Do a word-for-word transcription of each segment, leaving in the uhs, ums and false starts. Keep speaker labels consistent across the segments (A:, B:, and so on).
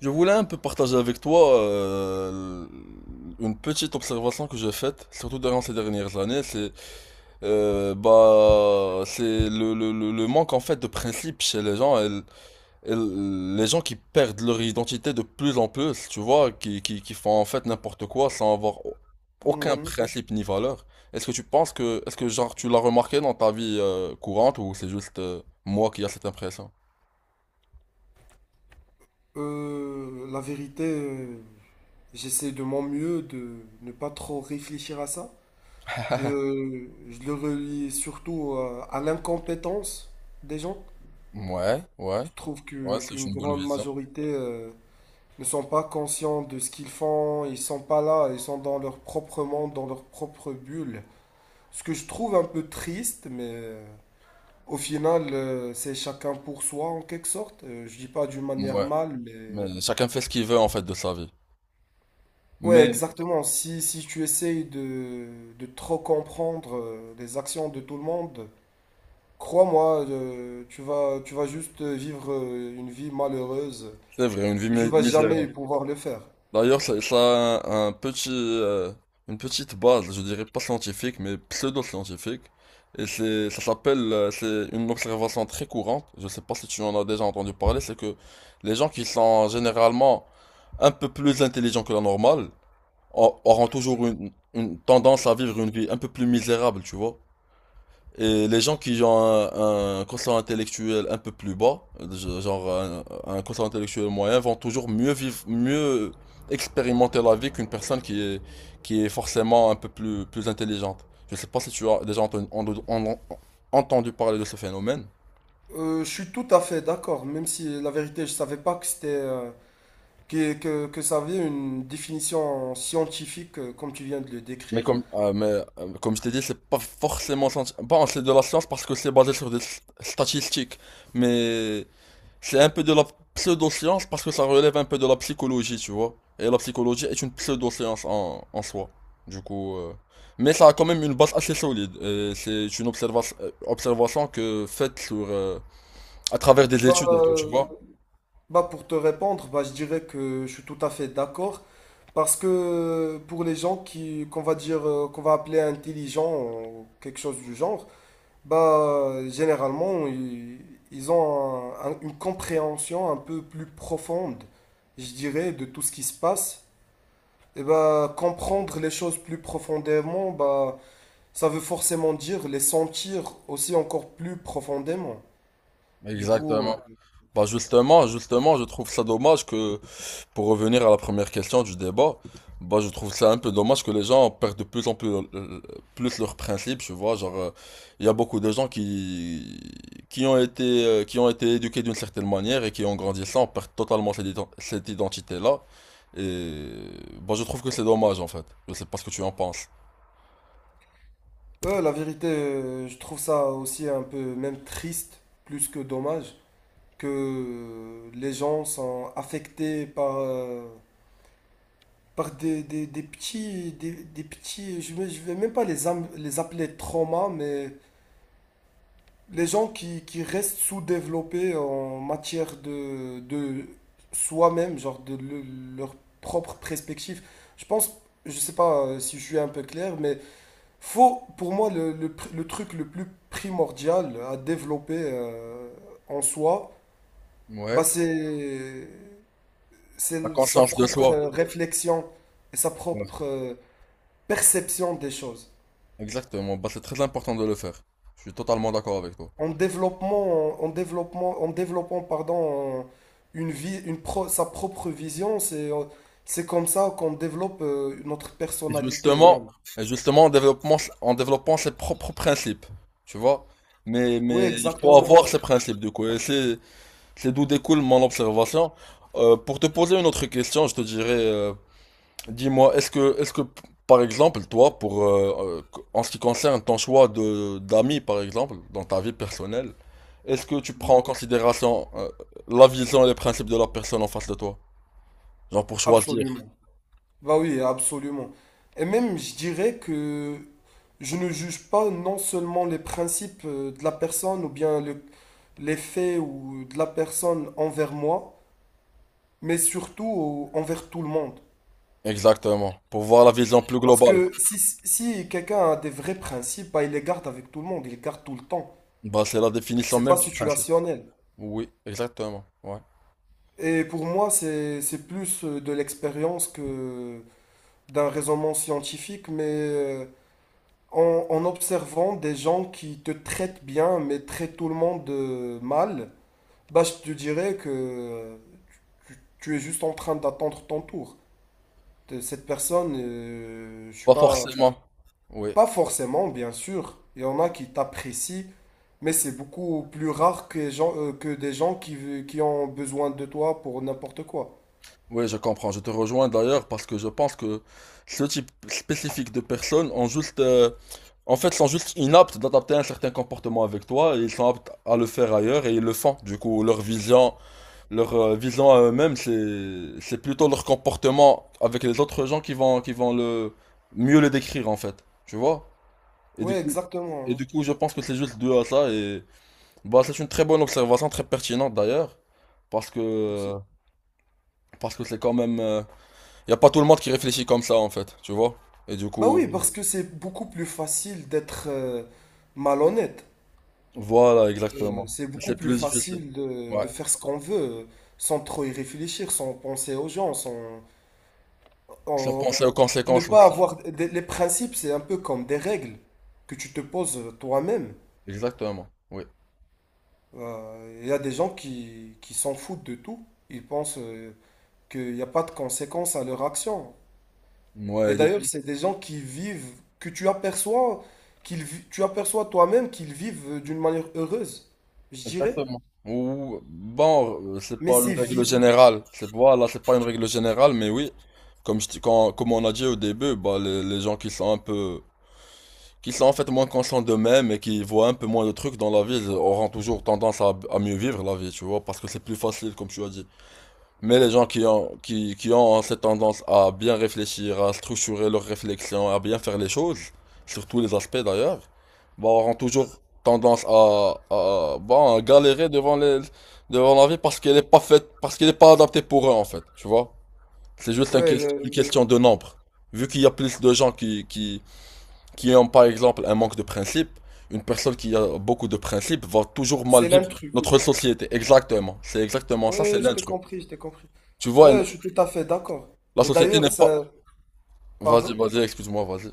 A: Je voulais un peu partager avec toi euh, une petite observation que j'ai faite, surtout durant ces dernières années, c'est euh, bah c'est le, le, le- le manque en fait de principe chez les gens, et, l- et l- les gens qui perdent leur identité de plus en plus, tu vois, qui, qui, qui font en fait n'importe quoi sans avoir au- aucun
B: Mhm.
A: principe ni valeur. Est-ce que tu penses que est-ce que genre tu l'as remarqué dans ta vie euh, courante, ou c'est juste euh, moi qui a cette impression?
B: Euh, la vérité, euh, j'essaie de mon mieux de ne pas trop réfléchir à ça. Euh, je le relie surtout à, à l'incompétence des gens.
A: Ouais, ouais,
B: Je trouve
A: ouais,
B: que
A: c'est
B: qu'une
A: une bonne
B: grande
A: vision.
B: majorité euh, ne sont pas conscients de ce qu'ils font. Ils sont pas là, ils sont dans leur propre monde, dans leur propre bulle. Ce que je trouve un peu triste, mais euh, au final, euh, c'est chacun pour soi en quelque sorte. Euh, je dis pas d'une manière
A: Ouais.
B: mal, mais
A: Mais chacun fait ce qu'il veut en fait de sa vie.
B: ouais,
A: Mais
B: exactement. Si, si tu essayes de, de trop comprendre euh, les actions de tout le monde, crois-moi, euh, tu vas, tu vas juste vivre euh, une vie malheureuse
A: c'est vrai, une vie
B: et tu
A: mi-
B: vas jamais
A: misérable.
B: pouvoir le faire.
A: D'ailleurs, ça, ça a un, un petit, euh, une petite base, je dirais pas scientifique, mais pseudo-scientifique. Et c'est, ça s'appelle, euh, c'est une observation très courante. Je sais pas si tu en as déjà entendu parler, c'est que les gens qui sont généralement un peu plus intelligents que la normale au- auront toujours une, une tendance à vivre une vie un peu plus misérable, tu vois. Et les gens qui ont un, un quotient intellectuel un peu plus bas, je- genre un, un quotient intellectuel moyen, vont toujours mieux vivre, mieux expérimenter la vie qu'une personne qui est, qui est forcément un peu plus, plus intelligente. Je sais pas si tu as déjà entendu, en- en- entendu parler de ce phénomène,
B: Euh, je suis tout à fait d'accord, même si la vérité, je savais pas que c'était, euh, que, que, que ça avait une définition scientifique euh, comme tu viens de le
A: mais
B: décrire.
A: comme, euh, mais, euh, comme je t'ai dit, c'est pas forcément... scien- Bon, c'est de la science parce que c'est basé sur des s- statistiques, mais... C'est un peu de la pseudo-science parce que ça relève un peu de la psychologie, tu vois. Et la psychologie est une pseudo-science en, en soi. Du coup, euh, mais ça a quand même une base assez solide. Et c'est une observa- euh, observation que faite sur euh, à travers des
B: Bah,
A: études et tout, tu
B: euh,
A: vois.
B: bah pour te répondre, bah, je dirais que je suis tout à fait d'accord. Parce que pour les gens qui qu'on va dire euh, qu'on va appeler intelligents ou quelque chose du genre, bah généralement ils, ils ont un- un- une compréhension un peu plus profonde, je dirais, de tout ce qui se passe. Et bah comprendre les choses plus profondément, bah ça veut forcément dire les sentir aussi encore plus profondément. Du coup,
A: Exactement.
B: euh,
A: Bah justement, justement, je trouve ça dommage que, pour revenir à la première question du débat, bah je trouve ça un peu dommage que les gens perdent de plus en plus, euh, plus leurs principes, tu vois, genre, euh, il y a beaucoup de gens qui, qui ont été, euh, qui ont été éduqués d'une certaine manière et qui en grandissant perdent totalement cette, ident- cette identité-là, et bah je trouve que c'est dommage en fait, je sais pas ce que tu en penses.
B: euh, la vérité, euh, je trouve ça aussi un peu même triste, plus que dommage, que les gens sont affectés par, euh, par des, des- des petits, des, des petits, je ne vais je vais même pas les, am- les appeler traumas, mais les gens qui, qui restent sous-développés en matière de, de soi-même, genre de le- leur propre perspective. Je pense, je sais pas euh, si je suis un peu clair, mais faut, pour moi, le, le pr- le truc le plus primordial à développer euh, en soi, bah
A: Ouais,
B: c'est c'est
A: la
B: sa
A: conscience de
B: propre
A: soi.
B: euh, réflexion et sa
A: Ouais.
B: propre euh, perception des choses.
A: Exactement, bah c'est très important de le faire, je suis totalement d'accord avec toi.
B: En développement, en, en développement, en développant, pardon, une vie, une pro- sa propre vision, c'est, euh, c'est comme ça qu'on développe euh, notre
A: Et
B: personnalité
A: justement,
B: même.
A: et justement en développant, en développant ses propres principes, tu vois. Mais,
B: Oui,
A: mais il faut
B: exactement.
A: avoir ces principes, du coup. Et c'est, c'est d'où découle mon observation. Euh, pour te poser une autre question, je te dirais, euh, dis-moi, est-ce que, est-ce que, par exemple, toi, pour, euh, euh, en ce qui concerne ton choix de, d'amis, par exemple, dans ta vie personnelle, est-ce que tu prends
B: Mhm.
A: en considération, euh, la vision et les principes de la personne en face de toi? Genre pour choisir.
B: Absolument. Bah oui, absolument. Et même, je dirais que je ne juge pas non seulement les principes euh, de la personne ou bien le, les faits ou de la personne envers moi, mais surtout au- envers tout le monde.
A: Exactement. Pour voir la vision plus
B: Parce
A: globale.
B: que si, si quelqu'un a des vrais principes, bah, il les garde avec tout le monde, il les garde tout le temps.
A: Bah, c'est la définition
B: C'est
A: même
B: pas
A: du principe.
B: situationnel.
A: Oui, exactement. Ouais.
B: Et pour moi, c'est, c'est plus euh, de l'expérience que d'un raisonnement scientifique, mais euh, en, en observant des gens qui te traitent bien, mais traitent tout le monde euh, mal, bah, je te dirais que euh, tu, tu es juste en train d'attendre ton tour. Cette personne, euh, je sais
A: Pas
B: pas.
A: forcément. Oui,
B: Pas forcément, bien sûr. Il y en a qui t'apprécient, mais c'est beaucoup plus rare que, les gens, euh, que des gens qui, ve- qui ont besoin de toi pour n'importe quoi.
A: oui, je comprends. Je te rejoins d'ailleurs parce que je pense que ce type spécifique de personnes ont juste, euh, en fait, sont juste inaptes d'adapter un certain comportement avec toi et ils sont aptes à le faire ailleurs et ils le font. Du coup, leur vision, leur euh, vision à eux-mêmes, c'est, c'est plutôt leur comportement avec les autres gens qui vont, qui vont le mieux le décrire en fait. Tu vois? Et du
B: Ouais,
A: coup,
B: exactement.
A: et
B: Hein.
A: du coup, je pense que c'est juste dû à ça et bah, c'est une très bonne observation, très pertinente d'ailleurs, parce
B: Merci.
A: que parce que c'est quand même, il y a pas tout le monde qui réfléchit comme ça en fait, tu vois. Et du
B: Bah
A: coup,
B: oui, parce que c'est beaucoup plus facile d'être euh, malhonnête.
A: voilà,
B: Euh,
A: exactement.
B: c'est beaucoup
A: C'est
B: plus
A: plus difficile.
B: facile de,
A: Ouais.
B: de faire ce qu'on veut euh, sans trop y réfléchir, sans penser aux gens, sans
A: Sans
B: en-
A: penser aux
B: ne
A: conséquences
B: pas
A: aussi.
B: avoir des- les principes, c'est un peu comme des règles que tu te poses toi-même.
A: Exactement. Oui.
B: Euh, Il y a des gens qui, qui s'en foutent de tout. Ils pensent euh, qu'il n'y a pas de conséquences à leur action. Et
A: Ouais, du
B: d'ailleurs,
A: coup.
B: c'est des gens qui vivent, que tu aperçois, qu'ils, vi- tu aperçois toi-même qu'ils vivent euh, d'une manière heureuse, je dirais.
A: Exactement. Ou bon, euh, c'est
B: Mais
A: pas une
B: c'est
A: règle
B: vide.
A: générale. C'est voilà, c'est pas une règle générale, mais oui. Comme je, t'ai- quand- comme on a dit au début, bah les, les gens qui sont un peu qui sont en fait moins conscients d'eux-mêmes et qui voient un peu moins de trucs dans la vie, auront toujours tendance à, à mieux vivre la vie, tu vois, parce que c'est plus facile, comme tu as dit. Mais les gens qui ont, qui, qui ont cette tendance à bien réfléchir, à structurer leurs réflexions, à bien faire les choses, sur tous les aspects d'ailleurs, bah, auront toujours tendance à, à, bah, à galérer devant les, devant la vie parce qu'elle n'est pas faite, parce qu'elle n'est pas adaptée pour eux, en fait, tu vois. C'est juste un ques-
B: Ouais,
A: une
B: euh,
A: question de nombre. Vu qu'il y a plus de gens qui, qui, qui ont par exemple un manque de principe, une personne qui a beaucoup de principes va toujours mal
B: c'est
A: vivre
B: l'intrus.
A: notre société. Exactement. C'est exactement ça, c'est
B: Ouais, je t'ai
A: l'intrus.
B: compris, je t'ai compris.
A: Tu vois,
B: Ouais,
A: elle-
B: je suis tout à fait d'accord.
A: la
B: Et
A: société n'est
B: d'ailleurs,
A: pas...
B: ça.
A: Vas-y,
B: Pardon?
A: vas-y, excuse-moi, vas-y.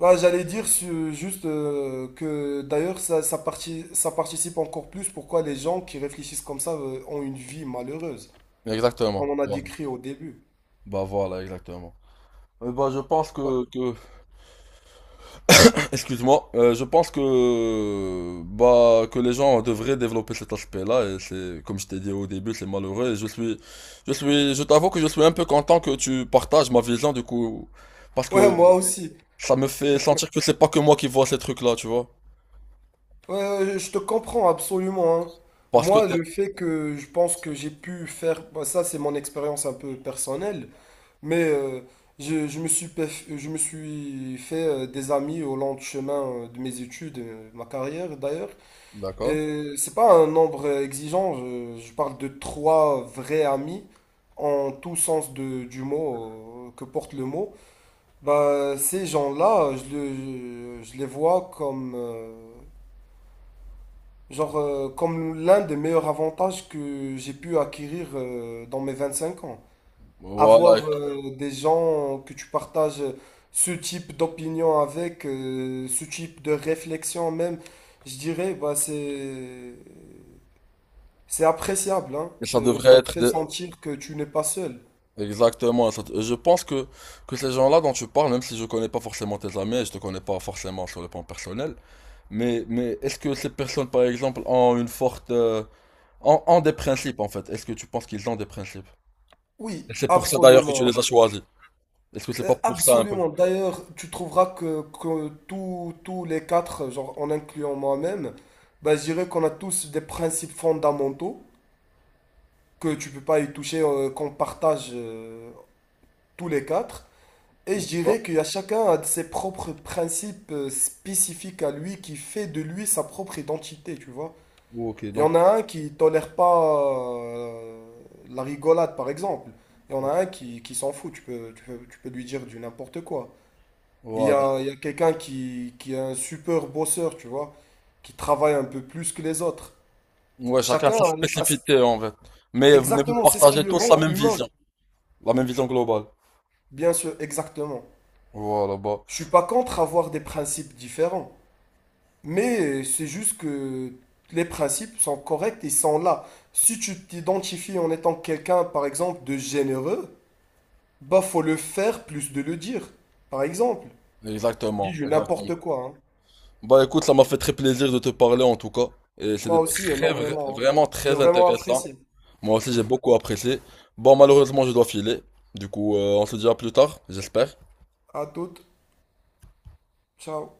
B: Là, j'allais dire su- juste euh, que d'ailleurs ça, ça, parti- ça participe encore plus pourquoi les gens qui réfléchissent comme ça euh, ont une vie malheureuse, comme
A: Exactement.
B: on a
A: Voilà.
B: décrit au début.
A: Bah voilà, exactement. Euh, bah je pense
B: Bah.
A: que, que... excuse-moi, euh, je pense que bah que les gens devraient développer cet aspect-là et c'est comme je t'ai dit au début, c'est malheureux et je suis je suis je t'avoue que je suis un peu content que tu partages ma vision du coup parce que
B: Ouais, moi aussi.
A: ça me fait sentir que c'est pas que moi qui vois ces trucs-là, tu vois.
B: Ouais, ouais, je te comprends absolument, hein.
A: Parce que
B: Moi,
A: t'es...
B: le fait que je pense que j'ai pu faire, bah, ça c'est mon expérience un peu personnelle, mais euh, je, je me suis, pef- je me suis fait euh, des amis au long du chemin euh, de mes études, euh, ma carrière d'ailleurs.
A: D'accord.
B: Euh, c'est pas un nombre exigeant, je, je parle de trois vrais amis, en tout sens de- du mot, euh, que porte le mot. Bah, ces gens-là, je, le- je les vois comme, euh, genre, euh, comme l'un des meilleurs avantages que j'ai pu acquérir euh, dans mes vingt-cinq ans.
A: Voilà,
B: Avoir euh, des gens que tu partages ce type d'opinion avec, euh, ce type de réflexion même, je dirais, bah, c'est C'est appréciable, hein.
A: et ça
B: C'est-
A: devrait
B: Ça te
A: être
B: fait
A: des-
B: sentir que tu n'es pas seul.
A: exactement ça. Je pense que, que ces gens-là dont tu parles, même si je connais pas forcément tes amis, et je te connais pas forcément sur le plan personnel, mais, mais est-ce que ces personnes, par exemple, ont une forte... euh, ont, ont des principes, en fait? Est-ce que tu penses qu'ils ont des principes?
B: Oui,
A: Et c'est pour ça, d'ailleurs, que tu
B: absolument.
A: les as choisis. Est-ce que c'est
B: Euh,
A: pas pour ça, un peu?
B: Absolument. D'ailleurs, tu trouveras que, que tous, tous les quatre, genre en incluant moi-même, bah, je dirais qu'on a tous des principes fondamentaux que tu peux pas y toucher, euh, qu'on partage euh, tous les quatre. Et je
A: Oh,
B: dirais qu'il y a chacun a de ses propres principes euh, spécifiques à lui qui fait de lui sa propre identité, tu vois.
A: ok,
B: Il y en
A: donc,
B: a un qui tolère pas euh, la rigolade, par exemple. Il y en a un qui, qui s'en fout, tu peux, tu peux, tu peux lui dire du n'importe quoi. Il y
A: voilà.
B: a, il y a quelqu'un qui, qui est un super bosseur, tu vois, qui travaille un peu plus que les autres.
A: Ouais, chacun
B: Chacun
A: sa
B: a, a ce-
A: spécificité, en fait. Mais, mais vous
B: Exactement, c'est ce qui
A: partagez
B: lui
A: tous
B: rend
A: la même
B: humain.
A: vision. La même vision globale.
B: Bien sûr, exactement.
A: Voilà, bah.
B: Je suis pas contre avoir des principes différents, mais c'est juste que les principes sont corrects, ils sont là. Si tu t'identifies en étant quelqu'un, par exemple, de généreux, bah, faut le faire plus de le dire. Par exemple, je dis
A: Exactement,
B: je
A: exactement.
B: n'importe quoi. Hein.
A: Bah écoute, ça m'a fait très plaisir de te parler en tout cas. Et
B: Moi
A: c'était
B: aussi,
A: très, vra-
B: énormément. Hein.
A: vraiment
B: J'ai
A: très
B: vraiment
A: intéressant.
B: apprécié.
A: Moi aussi, j'ai beaucoup apprécié. Bon, malheureusement, je dois filer. Du coup, euh, on se dit à plus tard, j'espère.
B: À toutes. Ciao.